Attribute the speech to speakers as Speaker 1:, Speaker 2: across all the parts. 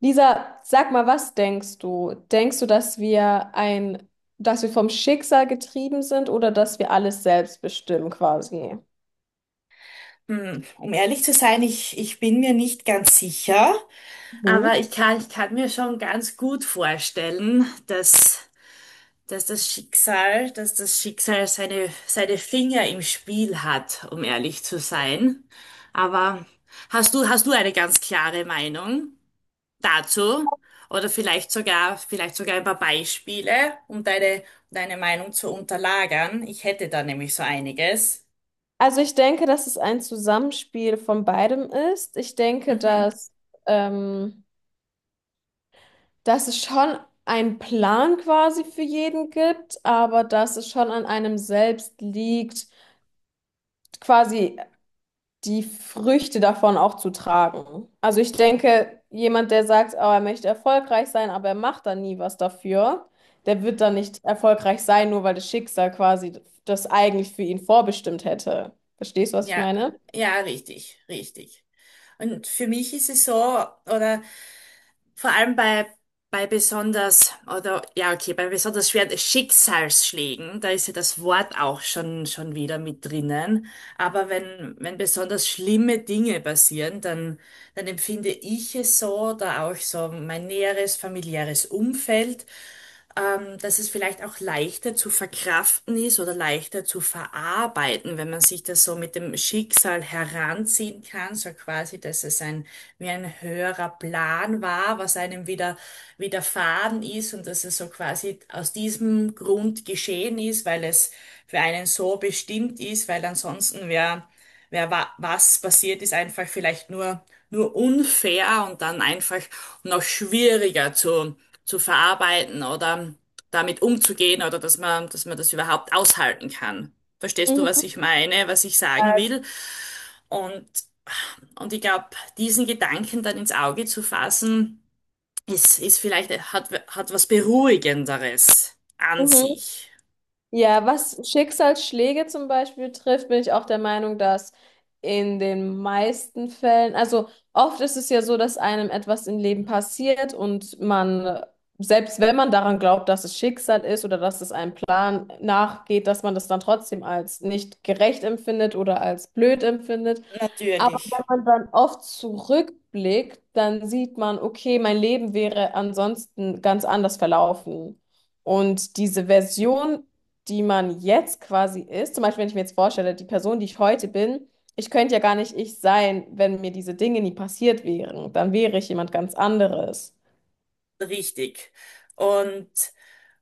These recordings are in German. Speaker 1: Lisa, sag mal, was denkst du? Denkst du, dass wir dass wir vom Schicksal getrieben sind oder dass wir alles selbst bestimmen quasi?
Speaker 2: Um ehrlich zu sein, ich bin mir nicht ganz sicher, aber
Speaker 1: Mhm.
Speaker 2: ich kann mir schon ganz gut vorstellen, dass das Schicksal, seine Finger im Spiel hat, um ehrlich zu sein. Aber hast du eine ganz klare Meinung dazu? Oder vielleicht sogar ein paar Beispiele, um deine Meinung zu unterlagern? Ich hätte da nämlich so einiges.
Speaker 1: Also ich denke, dass es ein Zusammenspiel von beidem ist. Ich denke,
Speaker 2: Mhm.
Speaker 1: ähm, dass es schon einen Plan quasi für jeden gibt, aber dass es schon an einem selbst liegt, quasi die Früchte davon auch zu tragen. Also ich denke, jemand, der sagt, oh, er möchte erfolgreich sein, aber er macht dann nie was dafür, der wird dann nicht erfolgreich sein, nur weil das Schicksal quasi das eigentlich für ihn vorbestimmt hätte. Verstehst du, was ich
Speaker 2: Ja,
Speaker 1: meine?
Speaker 2: ja, richtig. Und für mich ist es so, oder vor allem bei besonders, oder ja, okay, bei besonders schweren Schicksalsschlägen, da ist ja das Wort auch schon wieder mit drinnen. Aber wenn besonders schlimme Dinge passieren, dann empfinde ich es so, da auch so mein näheres familiäres Umfeld, dass es vielleicht auch leichter zu verkraften ist oder leichter zu verarbeiten, wenn man sich das so mit dem Schicksal heranziehen kann, so quasi, dass es ein, wie ein höherer Plan war, was einem wieder widerfahren ist und dass es so quasi aus diesem Grund geschehen ist, weil es für einen so bestimmt ist, weil ansonsten wäre wer wa was passiert, ist einfach vielleicht nur unfair und dann einfach noch schwieriger zu verarbeiten oder damit umzugehen oder dass dass man das überhaupt aushalten kann. Verstehst du, was
Speaker 1: Mhm,
Speaker 2: ich meine, was ich sagen will? Und, und ich glaube, diesen Gedanken dann ins Auge zu fassen, ist vielleicht, hat was Beruhigenderes an
Speaker 1: mhm.
Speaker 2: sich.
Speaker 1: Ja, was Schicksalsschläge zum Beispiel trifft, bin ich auch der Meinung, dass in den meisten Fällen, also oft ist es ja so, dass einem etwas im Leben passiert und man, selbst wenn man daran glaubt, dass es Schicksal ist oder dass es einem Plan nachgeht, dass man das dann trotzdem als nicht gerecht empfindet oder als blöd empfindet. Aber wenn
Speaker 2: Natürlich.
Speaker 1: man dann oft zurückblickt, dann sieht man, okay, mein Leben wäre ansonsten ganz anders verlaufen. Und diese Version, die man jetzt quasi ist, zum Beispiel, wenn ich mir jetzt vorstelle, die Person, die ich heute bin, ich könnte ja gar nicht ich sein, wenn mir diese Dinge nie passiert wären. Dann wäre ich jemand ganz anderes.
Speaker 2: Richtig. Und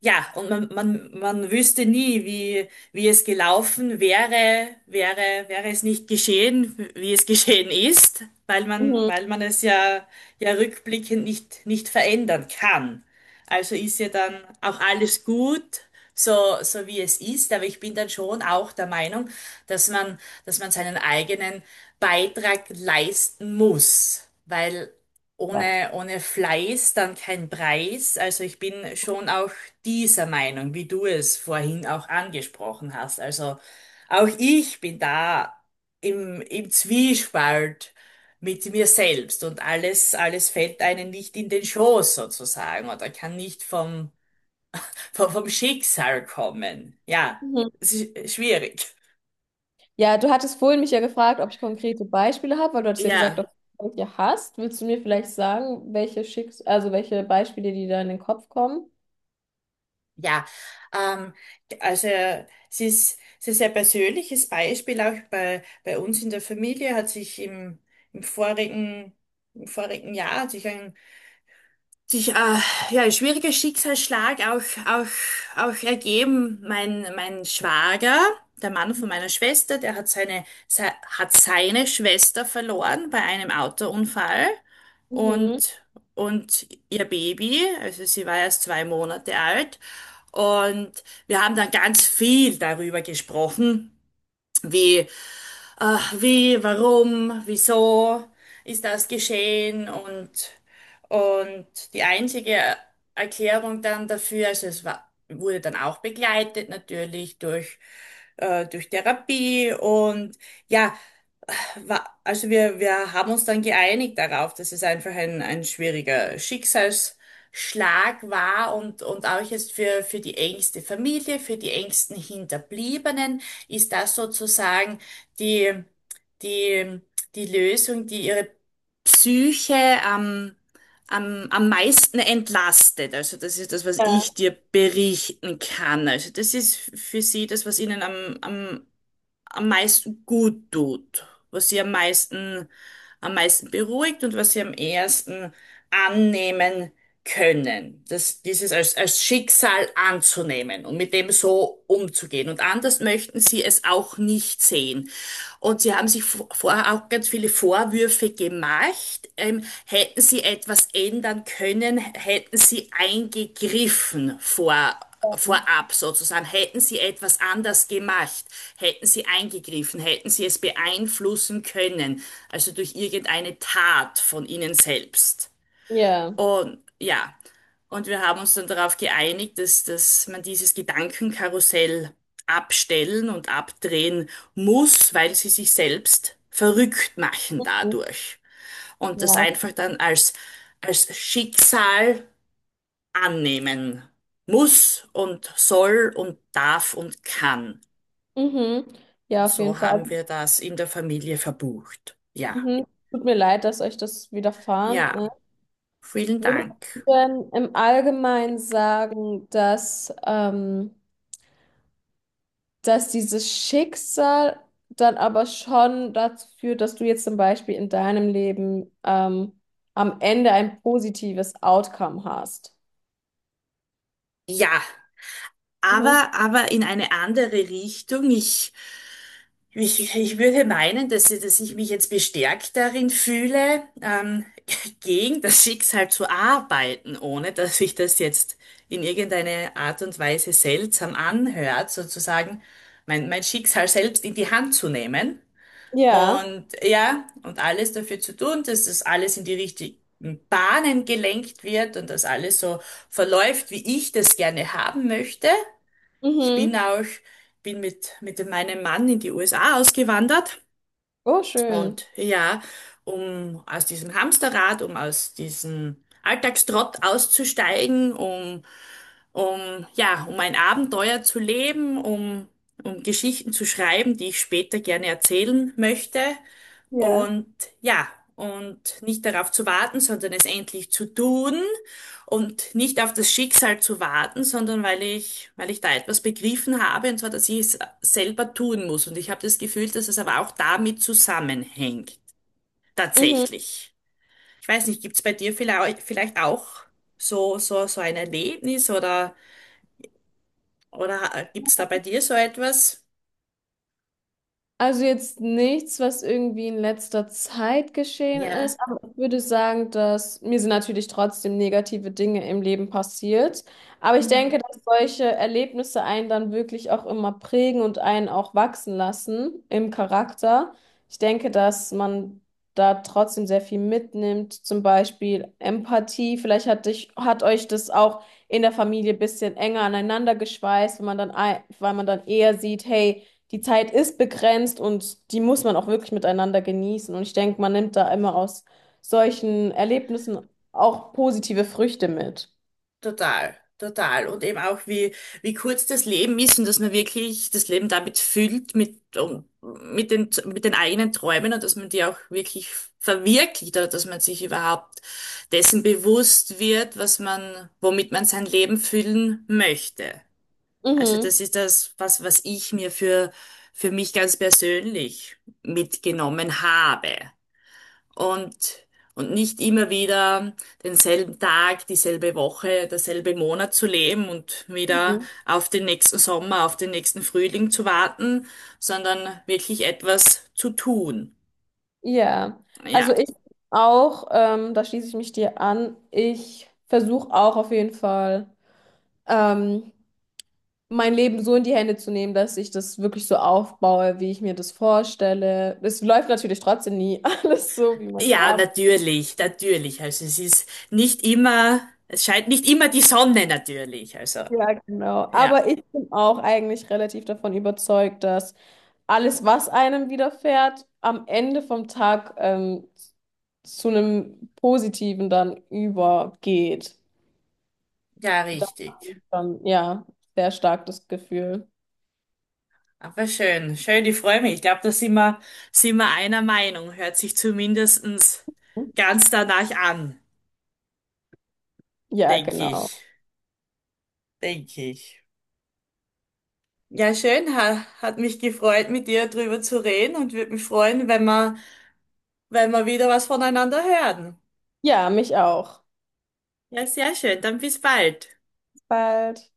Speaker 2: ja, und man wüsste nie, wie es gelaufen wäre, wäre es nicht geschehen, wie es geschehen ist,
Speaker 1: Mhm.
Speaker 2: weil man es ja, ja rückblickend nicht verändern kann. Also ist ja dann auch alles gut, so wie es ist. Aber ich bin dann schon auch der Meinung, dass man, dass man seinen eigenen Beitrag leisten muss. Weil
Speaker 1: Ja.
Speaker 2: ohne Fleiß dann kein Preis. Also ich bin schon auch dieser Meinung, wie du es vorhin auch angesprochen hast. Also auch ich bin da im Zwiespalt mit mir selbst und alles fällt einem nicht in den Schoß sozusagen oder kann nicht vom Schicksal kommen. Ja,
Speaker 1: Mhm.
Speaker 2: es ist schwierig.
Speaker 1: Ja, du hattest vorhin mich ja gefragt, ob ich konkrete Beispiele habe, weil du hattest ja gesagt, dass
Speaker 2: Ja,
Speaker 1: du welche hast. Willst du mir vielleicht sagen, welche Schicks also welche Beispiele, die da in den Kopf kommen?
Speaker 2: ja. Ähm, also es es ist ein persönliches Beispiel. Auch bei uns in der Familie hat sich im vorigen, im vorigen Jahr hat sich ein sich ja, ein schwieriger Schicksalsschlag auch ergeben. Mein Schwager, der Mann von meiner Schwester, der hat hat seine Schwester verloren bei einem Autounfall
Speaker 1: Mhm.
Speaker 2: und, und ihr Baby, also sie war erst 2 Monate alt. Und wir haben dann ganz viel darüber gesprochen, wie äh, wie, warum, wieso ist das geschehen und die einzige Erklärung dann dafür, also es war, wurde dann auch begleitet natürlich durch, durch Therapie und ja, war, also wir haben uns dann geeinigt darauf, dass es einfach ein schwieriger Schicksalsschlag war und auch jetzt für die engste Familie, für die engsten Hinterbliebenen ist das sozusagen die, die, die Lösung, die ihre Psyche am meisten entlastet. Also das ist das, was ich
Speaker 1: Ja.
Speaker 2: dir berichten kann. Also das ist für sie das, was ihnen am meisten gut tut, was sie am am meisten beruhigt und was sie am ehesten annehmen können. Das, dieses als Schicksal anzunehmen und mit dem so umzugehen. Und anders möchten sie es auch nicht sehen. Und sie haben sich vorher auch ganz viele Vorwürfe gemacht. Hätten sie etwas ändern können, hätten sie eingegriffen vorab sozusagen, hätten sie etwas anders gemacht, hätten sie eingegriffen, hätten sie es beeinflussen können, also durch irgendeine Tat von ihnen selbst.
Speaker 1: Ja.
Speaker 2: Und ja, und wir haben uns dann darauf geeinigt, dass man dieses Gedankenkarussell abstellen und abdrehen muss, weil sie sich selbst verrückt machen dadurch. Und das
Speaker 1: Ja.
Speaker 2: einfach dann als Schicksal annehmen muss und soll und darf und kann.
Speaker 1: Mhm. Ja, auf jeden
Speaker 2: So
Speaker 1: Fall.
Speaker 2: haben
Speaker 1: Also,
Speaker 2: wir das in der Familie verbucht. Ja,
Speaker 1: mhm. Tut mir leid, dass euch das widerfahren ist.
Speaker 2: ja, vielen
Speaker 1: Würdest
Speaker 2: Dank.
Speaker 1: du denn im Allgemeinen sagen, dass dass dieses Schicksal dann aber schon dazu führt, dass du jetzt zum Beispiel in deinem Leben am Ende ein positives Outcome hast.
Speaker 2: Ja,
Speaker 1: Mhm.
Speaker 2: aber in eine andere Richtung. Ich Ich würde meinen, dass ich mich jetzt bestärkt darin fühle, gegen das Schicksal zu arbeiten, ohne dass sich das jetzt in irgendeine Art und Weise seltsam anhört, sozusagen mein Schicksal selbst in die Hand zu nehmen
Speaker 1: Ja.
Speaker 2: und ja, und alles dafür zu tun, dass das alles in die richtigen Bahnen gelenkt wird und dass alles so verläuft, wie ich das gerne haben möchte. Ich bin
Speaker 1: Mhm.
Speaker 2: auch, bin mit meinem Mann in die USA ausgewandert
Speaker 1: Oh, schön.
Speaker 2: und ja, um aus diesem Hamsterrad, um aus diesem Alltagstrott auszusteigen, um, ja, um ein Abenteuer zu leben, um Geschichten zu schreiben, die ich später gerne erzählen möchte.
Speaker 1: Ja.
Speaker 2: Und ja, und nicht darauf zu warten, sondern es endlich zu tun und nicht auf das Schicksal zu warten, sondern weil ich da etwas begriffen habe, und zwar, dass ich es selber tun muss. Und ich habe das Gefühl, dass es aber auch damit zusammenhängt,
Speaker 1: Mhm.
Speaker 2: tatsächlich. Ich weiß nicht, gibt's bei dir vielleicht auch so ein Erlebnis oder gibt's da bei dir so etwas?
Speaker 1: Also jetzt nichts, was irgendwie in letzter Zeit geschehen
Speaker 2: Ja.
Speaker 1: ist, aber ich würde sagen, dass mir sind natürlich trotzdem negative Dinge im Leben passiert. Aber ich denke,
Speaker 2: Mhm.
Speaker 1: dass solche Erlebnisse einen dann wirklich auch immer prägen und einen auch wachsen lassen im Charakter. Ich denke, dass man da trotzdem sehr viel mitnimmt, zum Beispiel Empathie. Vielleicht hat hat euch das auch in der Familie ein bisschen enger aneinander geschweißt, wenn man dann, weil man dann eher sieht, hey, die Zeit ist begrenzt und die muss man auch wirklich miteinander genießen. Und ich denke, man nimmt da immer aus solchen Erlebnissen auch positive Früchte mit.
Speaker 2: Total, total. Und eben auch, wie kurz das Leben ist und dass man wirklich das Leben damit füllt, mit den eigenen Träumen und dass man die auch wirklich verwirklicht oder dass man sich überhaupt dessen bewusst wird, was man, womit man sein Leben füllen möchte. Also das
Speaker 1: Mhm.
Speaker 2: ist das, was ich mir für mich ganz persönlich mitgenommen habe und, und nicht immer wieder denselben Tag, dieselbe Woche, derselbe Monat zu leben und wieder
Speaker 1: Mhm.
Speaker 2: auf den nächsten Sommer, auf den nächsten Frühling zu warten, sondern wirklich etwas zu tun.
Speaker 1: Ja, also
Speaker 2: Ja.
Speaker 1: ich auch, da schließe ich mich dir an, ich versuche auch auf jeden Fall, ähm, mein Leben so in die Hände zu nehmen, dass ich das wirklich so aufbaue, wie ich mir das vorstelle. Es läuft natürlich trotzdem nie alles so, wie man es
Speaker 2: Ja,
Speaker 1: haben
Speaker 2: natürlich, natürlich. Also es ist nicht immer, es scheint nicht immer die Sonne natürlich. Also,
Speaker 1: Ja, genau.
Speaker 2: ja,
Speaker 1: Aber ich bin auch eigentlich relativ davon überzeugt, dass alles, was einem widerfährt, am Ende vom Tag zu einem Positiven dann übergeht.
Speaker 2: ja,
Speaker 1: Das
Speaker 2: richtig.
Speaker 1: ist dann, ja, sehr stark das Gefühl.
Speaker 2: Aber schön, ich freue mich. Ich glaube, da sind wir einer Meinung. Hört sich zumindestens ganz danach an.
Speaker 1: Ja,
Speaker 2: Denke
Speaker 1: genau.
Speaker 2: ich. Denke ich. Ja, schön, hat mich gefreut, mit dir drüber zu reden und würde mich freuen, wenn wir wieder was voneinander hören.
Speaker 1: Ja, mich auch.
Speaker 2: Ja, sehr schön. Dann bis bald.
Speaker 1: Bis bald.